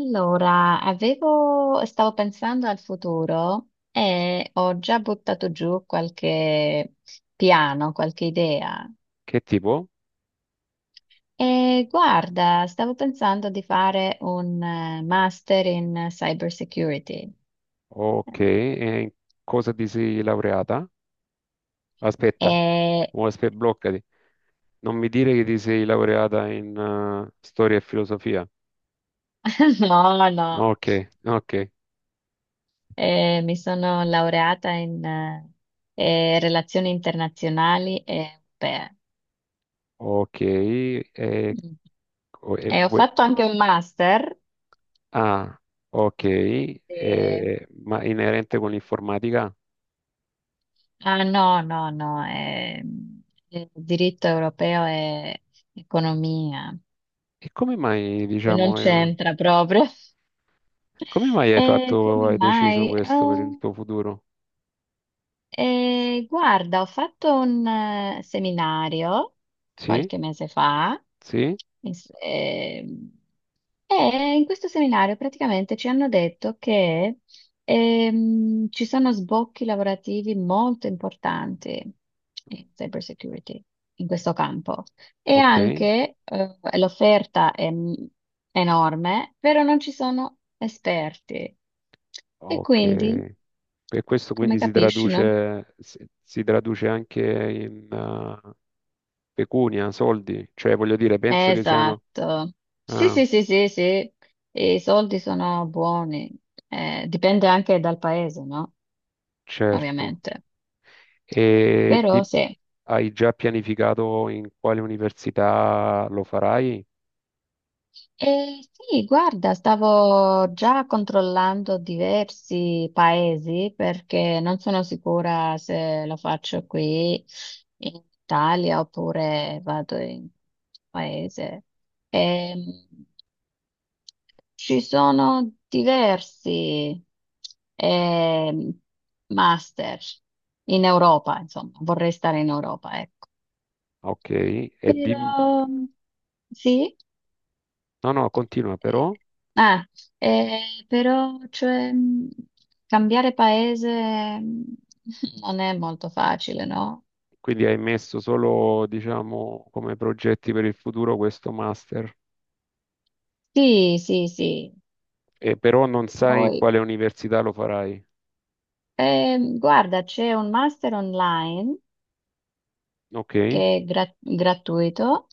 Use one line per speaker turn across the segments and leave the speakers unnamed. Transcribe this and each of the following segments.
Allora, avevo, stavo pensando al futuro e ho già buttato giù qualche piano, qualche idea.
Che tipo?
E guarda, stavo pensando di fare un master in cyber security.
Ok, e in cosa ti sei laureata? Aspetta,
E
bloccati. Non mi dire che ti sei laureata in storia e filosofia.
no, no,
Ok, ok,
mi sono laureata in relazioni internazionali e europee.
ok. E,
Mm.
co- e
E ho
vuoi-
fatto anche un master.
ah, ma inerente con l'informatica?
Ah, no, no, no, il diritto europeo è economia,
E come mai,
non
diciamo,
c'entra proprio.
come mai
E come
hai deciso
mai?
questo per il
Oh,
tuo futuro?
guarda, ho fatto un seminario
Sì,
qualche mese fa,
sì,
in s- ehm, E in questo seminario praticamente ci hanno detto che ci sono sbocchi lavorativi molto importanti in cyber security, in questo campo. E
ok,
anche l'offerta è enorme, però non ci sono esperti. E
ok.
quindi,
E questo
come
quindi si
capisci, no?
traduce, si traduce anche in pecunia, soldi, cioè voglio dire, penso che siano...
Esatto. Sì,
Ah,
sì, sì, sì, sì. I soldi sono buoni. Dipende anche dal paese, no?
certo.
Ovviamente.
E
Però
di-
sì.
hai già pianificato in quale università lo farai?
E sì, guarda, stavo già controllando diversi paesi perché non sono sicura se lo faccio qui in Italia oppure vado in paese. Ehm, Ci sono diversi ehm, master in Europa, insomma, vorrei stare in Europa, ecco.
Ok, e di...
Però sì.
No, no, continua però.
Ah, però cioè, cambiare paese non è molto facile, no?
Quindi hai messo solo, diciamo, come progetti per il futuro questo master,
Sì, sì, sì.
e però non sai in
Poi,
quale università lo farai.
guarda, c'è un master online
Ok,
che è gratuito,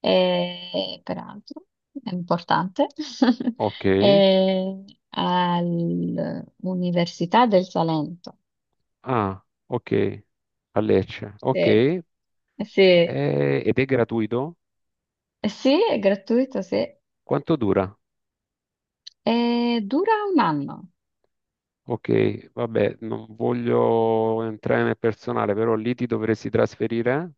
e, peraltro è importante,
ok.
è all'Università del Salento.
Ah, ok, a Lecce, ok.
Sì, sì,
Ed è gratuito?
sì, è gratuito, sì.
Quanto dura?
Dura un anno.
Ok, vabbè, non voglio entrare nel personale, però lì ti dovresti trasferire,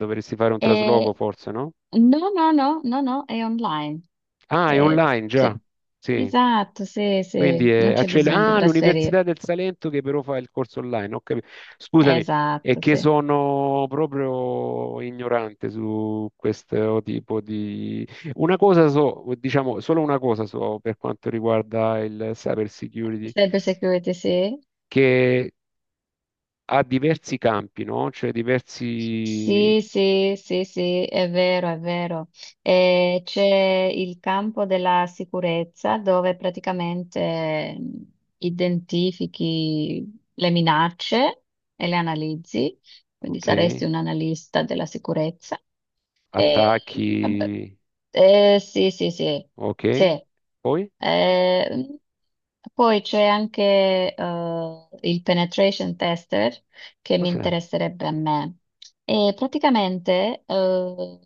dovresti fare un trasloco
Eh,
forse, no?
no, no, no, no, no, è online.
Ah, è
Eh,
online già,
sì.
sì.
Esatto, sì,
Quindi
sì, non
è
c'è bisogno di
ah, l'Università
trasferire.
del Salento che però fa il corso online, ho capito. Scusami, è
Esatto,
che
sì.
sono proprio ignorante su questo tipo di... Una cosa so, diciamo, solo una cosa so per quanto riguarda il cyber security,
Cyber security, sì.
che ha diversi campi, no? Cioè diversi,
Sì, sì, sì, sì, è vero, è vero. C'è il campo della sicurezza dove praticamente identifichi le minacce e le analizzi, quindi saresti
ok,
un analista della sicurezza. Eh, vabbè.
attacchi,
Sì, sì, sì,
ok.
sì.
Poi?
Eh, Poi c'è anche il penetration tester che mi
Cos'è?
interesserebbe a me. E praticamente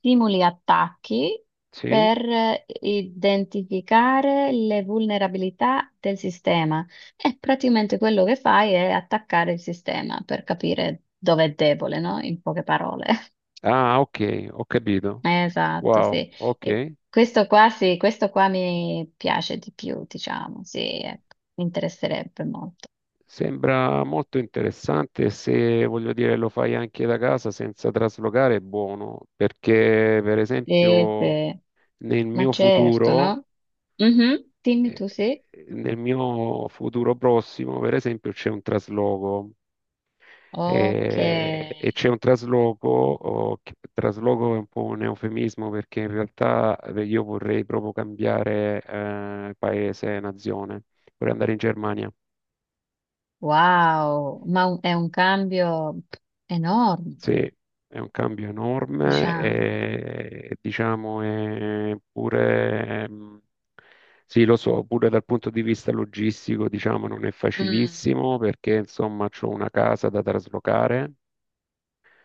simuli attacchi
Sì?
per identificare le vulnerabilità del sistema. E praticamente quello che fai è attaccare il sistema per capire dove è debole, no? In poche parole.
Ah, ok, ho capito.
Esatto,
Wow,
sì.
ok.
E questo qua sì, questo qua mi piace di più, diciamo, sì, ecco, mi interesserebbe molto.
Sembra molto interessante e se, voglio dire, lo fai anche da casa senza traslocare, è buono, perché per
Sì,
esempio
sì.
nel
Ma
mio
certo,
futuro,
no? Mhm, dimmi tu
eh,
sì.
nel mio futuro prossimo, per esempio, c'è un trasloco
Ok,
e c'è un trasloco, oh, trasloco è un po' un eufemismo perché in realtà io vorrei proprio cambiare paese, nazione, vorrei andare in Germania.
wow, ma è un cambio enorme,
Sì, è un cambio enorme
diciamo.
e diciamo è pure, sì lo so, pure dal punto di vista logistico diciamo non è
Mm.
facilissimo perché insomma ho una casa da traslocare,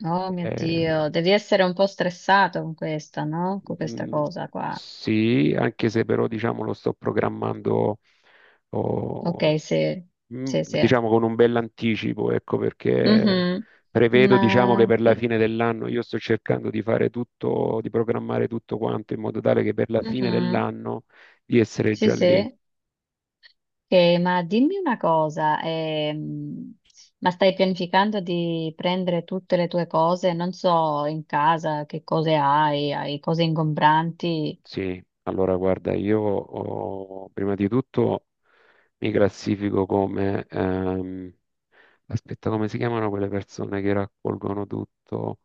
Oh mio Dio,
eh,
devi essere un po' stressato con questa, no? Con questa
Mm,
cosa qua.
Sì, anche se però diciamo lo sto programmando oh,
Ok, sì,
mm,
sì, sì.
diciamo con un bell'anticipo, ecco perché
Mhm.
prevedo diciamo che
Ma
per la
sì.
fine dell'anno io sto cercando di fare tutto, di programmare tutto quanto in modo tale che per la fine
Mhm.
dell'anno di essere
Sì,
già lì.
sì. Ma dimmi una cosa, ma stai pianificando di prendere tutte le tue cose? Non so, in casa che cose hai, hai cose ingombranti,
Sì, allora guarda, io oh, prima di tutto mi classifico come aspetta, come si chiamano quelle persone che raccolgono tutto?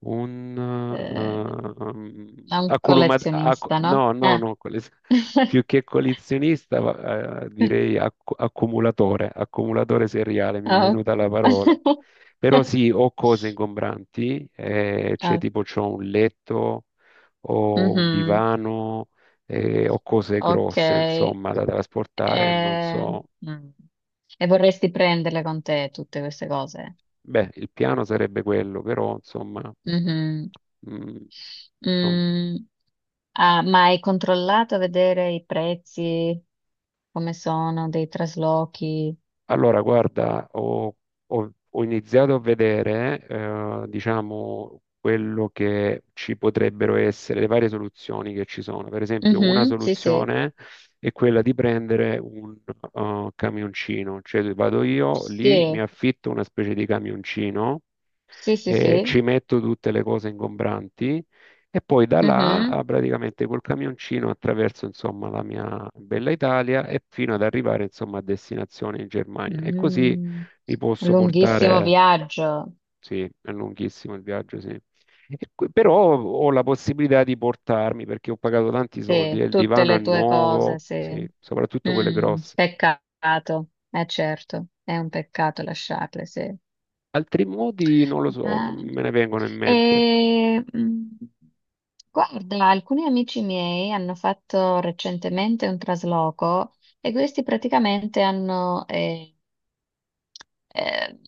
Un
eh, da un collezionista, no?
no, no,
Ah.
no, più che collezionista, direi accumulatore, accumulatore seriale, mi è
Ah,
venuta la parola.
ok.
Però sì, ho cose ingombranti, cioè
Ah,
tipo c'ho un letto, ho un
mhm,
divano, ho cose
ok.
grosse, insomma, da trasportare, non so.
Mm. E vorresti prenderle con te tutte queste cose?
Beh, il piano sarebbe quello, però insomma,
Mhm.
mm, non-
Mm, ah, ma hai controllato a vedere i prezzi, come sono, dei traslochi?
Allora, guarda, ho iniziato a vedere, diciamo, quello che ci potrebbero essere, le varie soluzioni che ci sono. Per esempio, una
Mhm, sì, sì,
soluzione è quella di prendere un camioncino, cioè vado io lì, mi
sì,
affitto una specie di camioncino
sì, sì, sì.
ci metto tutte le cose ingombranti e poi da là
Mhm.
ah, praticamente col camioncino attraverso insomma la mia bella Italia e fino ad arrivare insomma a destinazione in Germania. E così
Mm,
mi posso
Lunghissimo
portare,
viaggio,
sì, è lunghissimo il viaggio, sì. E Però ho la possibilità di portarmi perché ho pagato tanti soldi
sì,
e il
tutte
divano è
le tue cose,
nuovo,
sì.
sì, soprattutto quelle grosse.
Peccato, è certo, è un peccato lasciarle, sì.
Altri modi non lo so, non
Bene.
me ne vengono in mente.
E, guarda, alcuni amici miei hanno fatto recentemente un trasloco e questi praticamente hanno, eh,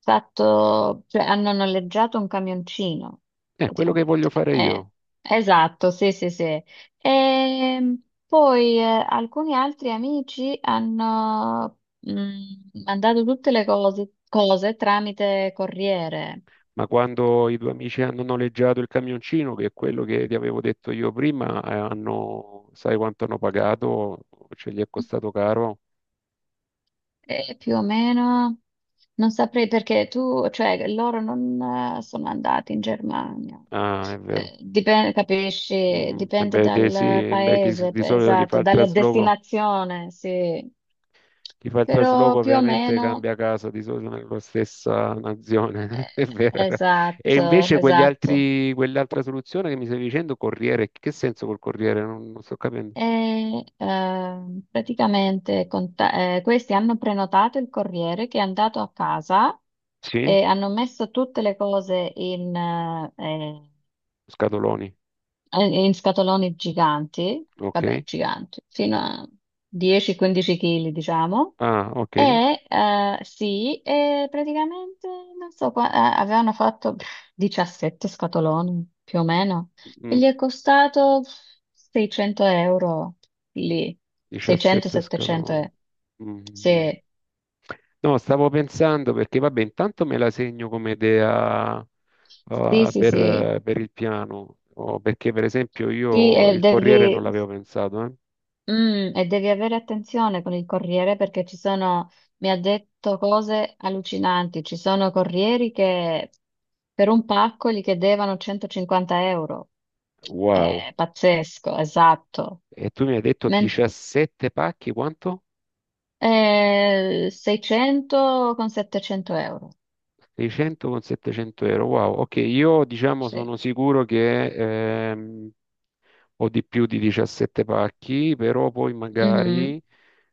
fatto, cioè, hanno noleggiato un camioncino,
È quello che voglio
praticamente.
fare io.
Esatto, sì, sì, sì. E poi alcuni altri amici hanno mandato tutte le cose cose tramite corriere.
Ma quando i due amici hanno noleggiato il camioncino, che è quello che ti avevo detto io prima, hanno, sai quanto hanno pagato? Ce gli è costato caro?
Più o meno, non saprei perché tu, cioè loro non sono andati in Germania.
Ah, è vero.
Dipende, capisci?
Mm, e
Dipende
beh, dei sì,
dal
e beh,
paese,
di solito chi fa
esatto,
il
dalla
trasloco,
destinazione, sì.
chi fa il trasloco
Però più o
ovviamente
meno,
cambia casa, di solito nella stessa nazione,
eh,
è vero. E
esatto,
invece quegli
esatto.
altri, quell'altra soluzione che mi stavi dicendo, corriere, che senso col corriere? Non sto capendo.
E praticamente questi hanno prenotato il corriere che è andato a casa
Sì?
e hanno messo tutte le cose in, eh, eh,
Scatoloni,
eh, in scatoloni giganti,
ok.
vabbè, giganti, fino a 10-15 kg, diciamo.
Ah, ok.
E sì, e praticamente non so, avevano fatto 17 scatoloni più o meno e
Mm,
gli è costato 600 euro lì,
17
600-700
scaloni.
euro.
Mhm.
Sì,
No, stavo pensando perché, vabbè, intanto me la segno come idea,
sì, sì, sì,
per il piano, o perché per esempio
sì.
io il Corriere non l'avevo pensato, eh.
E devi avere attenzione con il corriere perché ci sono, mi ha detto cose allucinanti, ci sono corrieri che per un pacco gli chiedevano 150 euro.
Wow.
È pazzesco, esatto.
E tu mi hai detto
Men-
17 pacchi, quanto?
600 con 700 euro.
600 con 700 euro. Wow, ok, io diciamo
Sì.
sono sicuro che o di più di 17 pacchi, però poi magari
Mhm,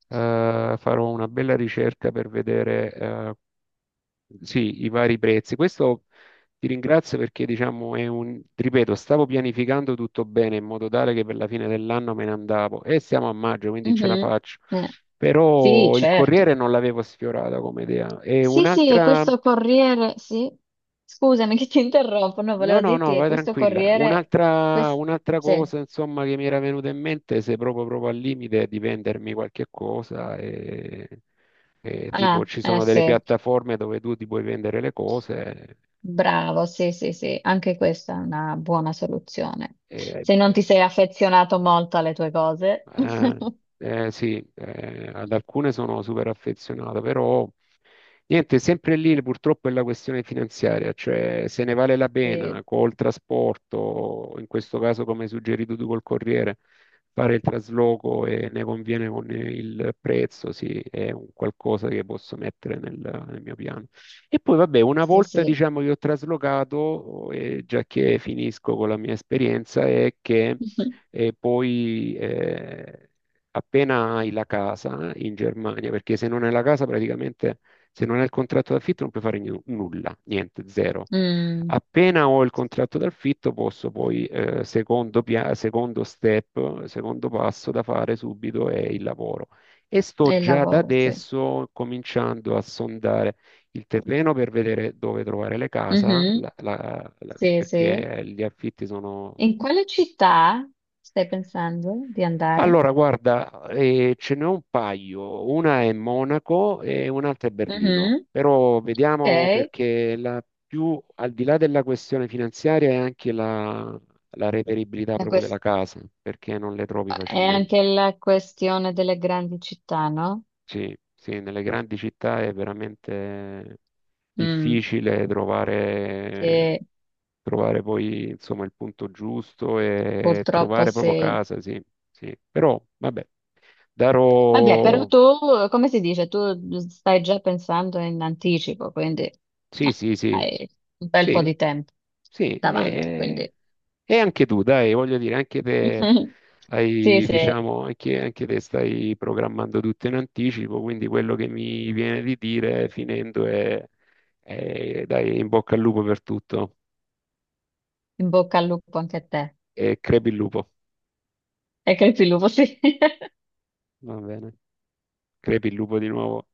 farò una bella ricerca per vedere sì, i vari prezzi. Questo ti ringrazio perché diciamo è un, ti ripeto, stavo pianificando tutto bene in modo tale che per la fine dell'anno me ne andavo e siamo a maggio, quindi ce la
mhm.
faccio.
Eh, sì,
Però il
certo.
Corriere non l'avevo sfiorata come idea. E
Sì, sì, e
un'altra.
questo corriere, sì, scusami che ti interrompo, no,
No,
volevo
no,
dirti
no,
che
vai
questo
tranquilla.
corriere,
Un'altra
quest-
un'altra
sì,
cosa, insomma, che mi era venuta in mente, se proprio, proprio al limite di vendermi qualche cosa, e tipo
ah,
ci sono delle
sì,
piattaforme dove tu ti puoi vendere le cose,
bravo, sì, sì, sì, anche questa è una buona soluzione. Se non ti
e-
sei affezionato molto alle tue cose,
Eh, sì, ad alcune sono super affezionato, però niente, sempre lì purtroppo è la questione finanziaria, cioè se ne vale la
sì,
pena col trasporto, in questo caso come hai suggerito tu col Corriere, fare il trasloco e ne conviene con il prezzo, sì, è un qualcosa che posso mettere nel, nel mio piano. E poi vabbè, una
sì,
volta
sì.
diciamo che ho traslocato, e già che finisco con la mia esperienza, è che
Mhm.
e poi appena hai la casa in Germania, perché se non hai la casa praticamente, se non hai il contratto d'affitto non puoi fare nulla, niente, zero.
Mm,
Appena ho il contratto d'affitto posso poi, secondo step, secondo passo da fare subito è il lavoro. E sto
e il
già da
lavoro, sì.
adesso cominciando a sondare il terreno per vedere dove trovare le case,
Mhm, sì, sì.
perché gli affitti sono
In quale città stai pensando di andare?
Allora, guarda, ce n'è un paio, una è Monaco e un'altra è Berlino,
Mhm,
però vediamo perché la più, al di là della questione finanziaria è anche la, la reperibilità
ok.
proprio della casa, perché non le trovi
È
facilmente.
anche la questione delle grandi città, no?
Sì, sì, nelle grandi città è veramente
Mm.
difficile trovare,
Che
trovare poi insomma il punto giusto e
purtroppo
trovare proprio
se...
casa, sì, sì. Però vabbè,
Vabbè, però
darò.
tu, come si dice, tu stai già pensando in anticipo, quindi
Sì,
no,
sì, sì,
hai un bel po'
sì,
di tempo
sì,
davanti, quindi
e anche tu, dai, voglio dire, anche te
sì,
hai,
sì,
diciamo, anche, anche te stai programmando tutto in anticipo, quindi quello che mi viene di dire finendo è, dai, in bocca al lupo per tutto
in bocca al lupo anche a te.
e crepi il lupo,
E che il lupo, sì.
va bene, crepi il lupo di nuovo.